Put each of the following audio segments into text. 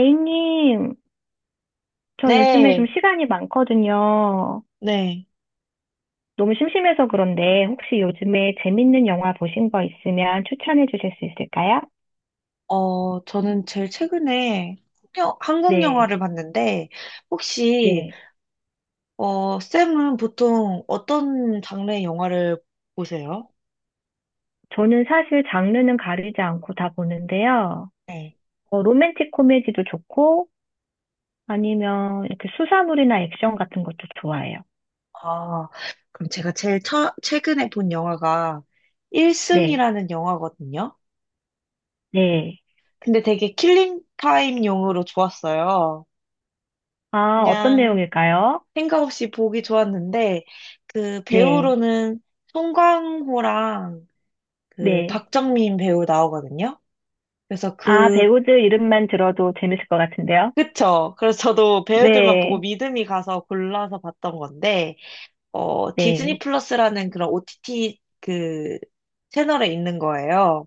A님, 저 요즘에 좀 네, 시간이 많거든요. 네. 너무 심심해서 그런데 혹시 요즘에 재밌는 영화 보신 거 있으면 추천해 주실 수 있을까요? 저는 제일 최근에 한국 네, 영화를 봤는데, 혹시, 네. 쌤은 보통 어떤 장르의 영화를 보세요? 저는 사실 장르는 가리지 않고 다 보는데요. 네. 어, 로맨틱 코미디도 좋고 아니면 이렇게 수사물이나 액션 같은 것도 좋아해요. 아, 그럼 제가 제일 최근에 본 영화가 일승이 네, 라는 영화거든요. 네. 근데 되게 킬링 타임용으로 좋았어요. 아, 어떤 그냥 내용일까요? 생각 없이 보기 좋았는데 그 네, 배우로는 송강호랑 그 네. 박정민 배우 나오거든요. 그래서 아, 그 배우들 이름만 들어도 재밌을 것 같은데요? 그쵸. 그래서 저도 배우들만 보고 네, 믿음이 가서 골라서 봤던 건데, 디즈니 네, 플러스라는 그런 OTT 그 채널에 있는 거예요.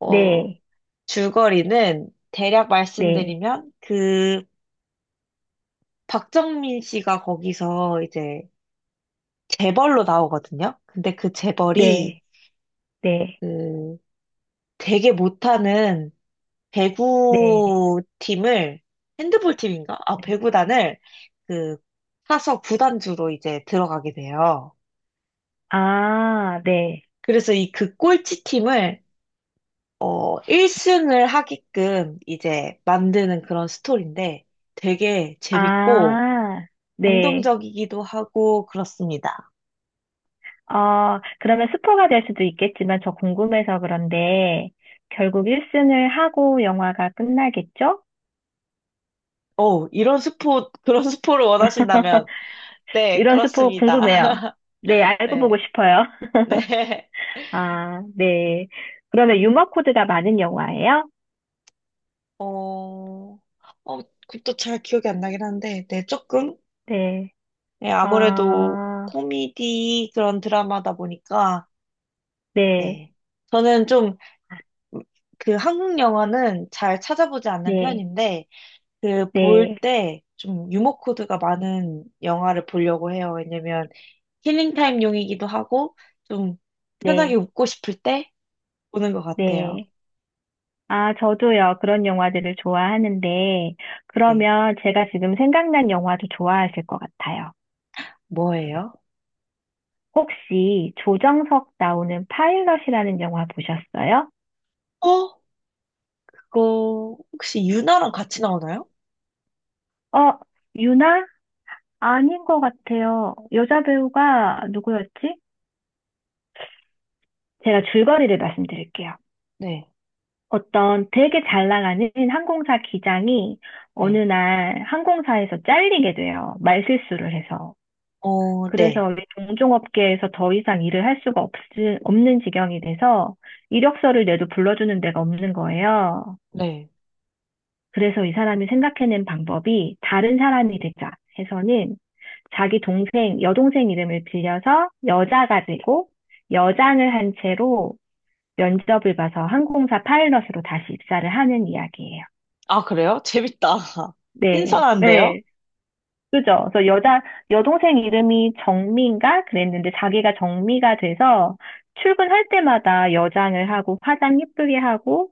어 네. 줄거리는 대략 네, 말씀드리면, 그 박정민 씨가 거기서 이제 재벌로 나오거든요. 근데 그 재벌이 네, 네, 그 되게 못하는 네, 배구 팀을, 핸드볼 팀인가? 아, 네. 배구단을 그 사서 구단주로 이제 들어가게 돼요. 아, 네. 그래서 이 그 꼴찌 팀을 1승을 하게끔 이제 만드는 그런 스토리인데 되게 재밌고 아, 네. 감동적이기도 하고 그렇습니다. 어, 그러면 스포가 될 수도 있겠지만 저 궁금해서 그런데 결국 1승을 하고 영화가 끝나겠죠? 어, 이런 스포 그런 스포를 원하신다면, 네, 이런 스포 그렇습니다. 궁금해요. 네, 알고 보고 네. 싶어요. 네. 아, 네. 그러면 유머 코드가 많은 영화예요? 어, 어, 그것도 잘 기억이 안 나긴 한데, 네, 조금. 네. 네, 어, 아무래도 코미디 그런 드라마다 보니까. 네. 네. 저는 좀, 아, 그 한국 영화는 잘 찾아보지 않는 네. 편인데, 그 볼 네. 때 좀 유머 코드가 많은 영화를 보려고 해요. 왜냐면 힐링 타임용이기도 하고, 좀 편하게 네. 웃고 싶을 때 보는 것 같아요. 네. 아, 저도요. 그런 영화들을 좋아하는데, 네. 그러면 제가 지금 생각난 영화도 좋아하실 것 같아요. 뭐예요? 혹시 조정석 나오는 파일럿이라는 영화 보셨어요? 어? 그거 혹시 유나랑 같이 나오나요? 어, 유나? 아닌 것 같아요. 여자 배우가 누구였지? 제가 줄거리를 말씀드릴게요. 네, 어떤 되게 잘 나가는 항공사 기장이 어느 네. 날 항공사에서 잘리게 돼요. 말실수를 해서. 그래서 네, 왜 동종업계에서 더 이상 일을 할 수가 없는 지경이 돼서 이력서를 내도 불러주는 데가 없는 거예요. 네. 그래서 이 사람이 생각해낸 방법이 다른 사람이 되자 해서는 자기 동생, 여동생 이름을 빌려서 여자가 되고 여장을 한 채로 면접을 봐서 항공사 파일럿으로 다시 입사를 하는 이야기예요. 아, 그래요? 재밌다. 네, 신선한데요? 네. 그죠? 그래서 여동생 이름이 정미인가? 그랬는데 자기가 정미가 돼서 출근할 때마다 여장을 하고 화장 예쁘게 하고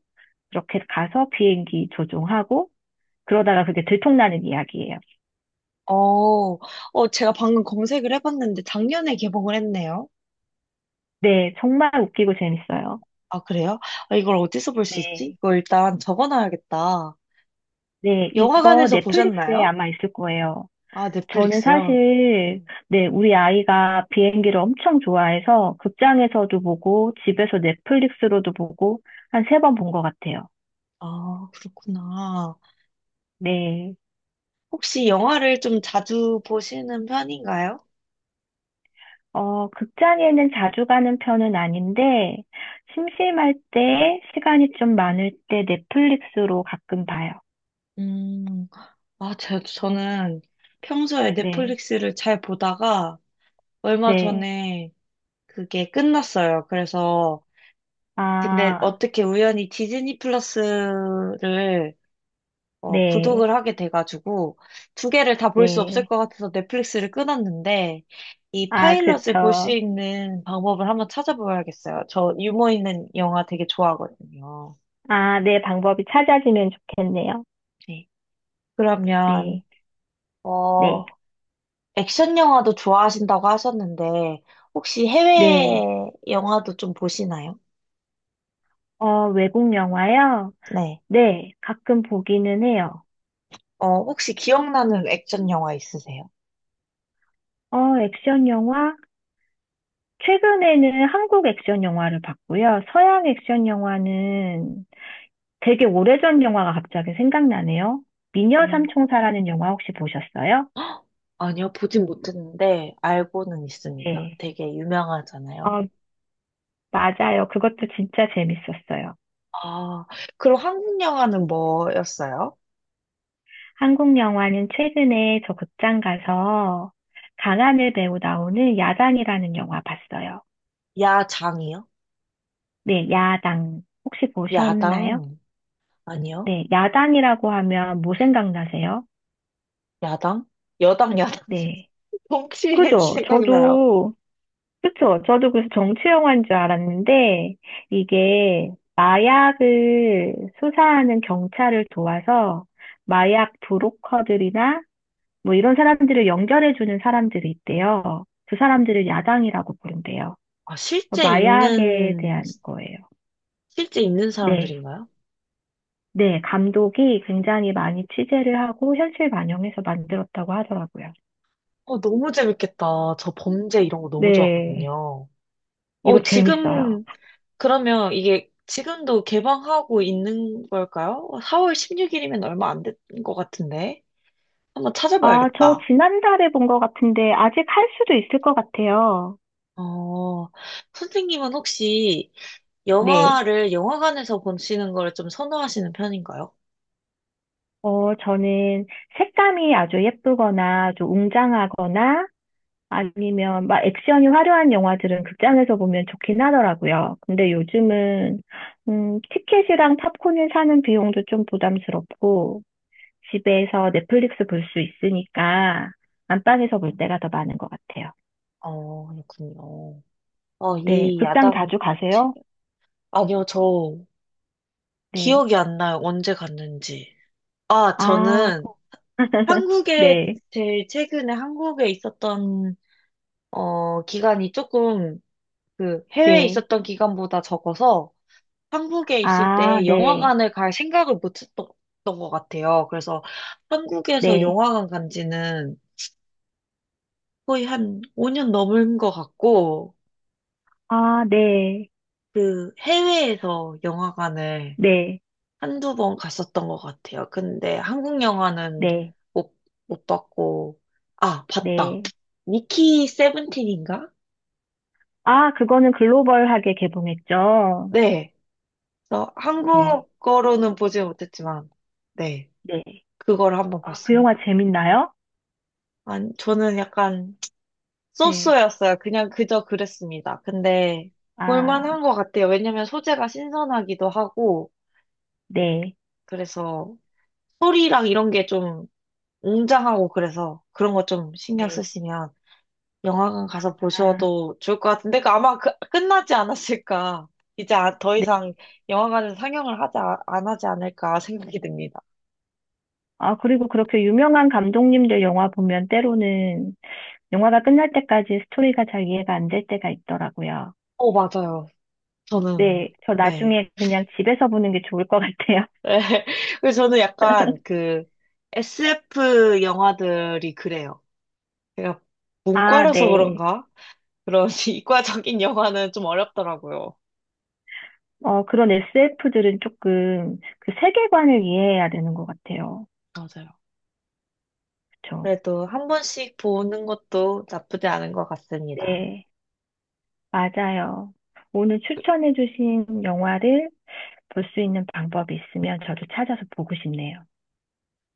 그렇게 가서 비행기 조종하고 그러다가 그게 들통나는 이야기예요. 어, 제가 방금 검색을 해봤는데 작년에 개봉을 했네요. 네, 정말 웃기고 재밌어요. 아, 그래요? 아, 이걸 어디서 볼 수 있지? 네. 이거 일단 적어놔야겠다. 네, 이거 영화관에서 넷플릭스에 보셨나요? 아마 있을 거예요. 아, 저는 넷플릭스요? 사실, 네, 우리 아이가 비행기를 엄청 좋아해서 극장에서도 보고 집에서 넷플릭스로도 보고 한 세 번 본 것 같아요. 아, 그렇구나. 네. 혹시 영화를 좀 자주 보시는 편인가요? 어, 극장에는 자주 가는 편은 아닌데, 심심할 때, 시간이 좀 많을 때 넷플릭스로 가끔 봐요. 음, 아, 저는 평소에 네, 넷플릭스를 잘 보다가 얼마 네. 전에 그게 끝났어요. 그래서 근데 아, 어떻게 우연히 디즈니 플러스를 네, 구독을 하게 돼가지고 두 개를 다 볼 수 없을 네. 것 같아서 넷플릭스를 끊었는데, 이 아, 파일럿을 볼 수 그쵸. 있는 방법을 한번 찾아봐야겠어요. 저 유머 있는 영화 되게 좋아하거든요. 아, 네, 방법이 찾아지면 좋겠네요. 네. 그러면, 네, 네, 어, 액션 영화도 좋아하신다고 하셨는데 혹시 네. 해외 영화도 좀 보시나요? 어, 외국 영화요? 네. 네, 가끔 보기는 해요. 혹시 기억나는 액션 영화 있으세요? 어, 액션 영화? 최근에는 한국 액션 영화를 봤고요. 서양 액션 영화는 되게 오래전 영화가 갑자기 생각나네요. 미녀 삼총사라는 영화 혹시 보셨어요? 아니요, 보진 못했는데 알고는 있습니다. 네. 되게 유명하잖아요. 어, 맞아요. 그것도 진짜 재밌었어요. 아, 그럼 한국 영화는 뭐였어요? 한국 영화는 최근에 저 극장 가서 강하늘 배우 나오는 야당이라는 영화 봤어요. 야장이요? 네, 야당. 혹시 보셨나요? 야당? 아니요? 네, 야당이라고 하면 뭐 생각나세요? 야당? 여당, 야당. 네. 혹시 그죠? 생각나요? 저도 그쵸. 저도 그래서 정치 영화인 줄 알았는데, 이게 마약을 수사하는 경찰을 도와서 마약 브로커들이나 뭐 이런 사람들을 연결해주는 사람들이 있대요. 그 사람들을 야당이라고 부른대요. 아, 어, 마약에 대한 거예요. 실제 있는 네. 사람들인가요? 네. 감독이 굉장히 많이 취재를 하고 현실 반영해서 만들었다고 하더라고요. 너무 재밌겠다. 저 범죄 이런 거 너무 네. 좋아하거든요. 어, 이거 재밌어요. 지금, 그러면 이게 지금도 개방하고 있는 걸까요? 4월 16일이면 얼마 안 된 것 같은데. 한번 아, 저 찾아봐야겠다. 지난달에 본 것 같은데 아직 할 수도 있을 것 같아요. 어, 선생님은 혹시 네. 영화를 영화관에서 보시는 걸 좀 선호하시는 편인가요? 어, 저는 색감이 아주 예쁘거나 좀 웅장하거나 아니면 막 액션이 화려한 영화들은 극장에서 보면 좋긴 하더라고요. 근데 요즘은 티켓이랑 팝콘을 사는 비용도 좀 부담스럽고 집에서 넷플릭스 볼 수 있으니까 안방에서 볼 때가 더 많은 것 같아요. 그렇군요. 네. 이 극장 야당은 자주 꼭 책. 가세요? 아니요, 저 네. 기억이 안 나요. 언제 갔는지. 아, 아, 저는 한국에 네. 제일 최근에 한국에 있었던, 기간이 조금 그 해외에 네. 있었던 기간보다 적어서 한국에 있을 아, 때 네. 영화관을 갈 생각을 못 했던 것 같아요. 그래서 한국에서 네. 영화관 간 지는 거의 한 5년 넘은 것 같고, 아, 네. 그 해외에서 영화관을 네. 한두 번 갔었던 것 같아요. 근데 한국 영화는 네, 못, 못 봤고. 아, 봤다. 네. 미키 세븐틴인가? 아, 그거는 글로벌하게 개봉했죠. 네. 그래서 네, 한국어로는 보지 못했지만. 네. 네. 그걸 한번 아, 그 영화 봤습니다. 재밌나요? 아니, 저는 약간 네. 소스였어요. 그냥 그저 그랬습니다. 근데 아, 볼만한 것 같아요. 왜냐면 소재가 신선하기도 하고, 네, 그래서 소리랑 이런 게 좀 웅장하고, 그래서 그런 거 좀 신경 네. 쓰시면 영화관 가서 아, 보셔도 좋을 것 같은데, 그 아마 끝나지 않았을까. 이제 더 네. 이상 영화관에서 상영을 하지, 안 하지 않을까 생각이 듭니다. 아, 그리고 그렇게 유명한 감독님들 영화 보면 때로는 영화가 끝날 때까지 스토리가 잘 이해가 안 될 때가 있더라고요. 맞아요. 저는, 네, 저 네. 나중에 그냥 집에서 보는 게 좋을 것 같아요. 그래서 저는 약간 그 SF 영화들이 그래요. 제가 아, 문과라서 네. 그런가? 그런 이과적인 영화는 좀 어렵더라고요. 어, 그런 SF들은 조금 그 세계관을 이해해야 되는 것 같아요. 맞아요. 그렇죠. 그래도 한 번씩 보는 것도 나쁘지 않은 것 같습니다. 맞아요. 오늘 추천해주신 영화를 볼 수 있는 방법이 있으면 저도 찾아서 보고 싶네요.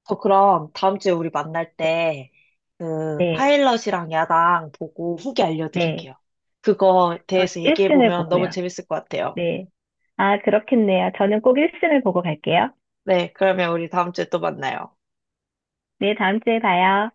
저 그럼 다음 주에 우리 만날 때 그 네, 파일럿이랑 야당 보고 후기 알려드릴게요. 네. 그거 저는 대해서 1승을 얘기해보면 너무 보고요. 재밌을 것 같아요. 네. 아, 그렇겠네요. 저는 꼭 1승을 보고 갈게요. 네, 그러면 우리 다음 주에 또 만나요. 네, 다음 주에 봐요.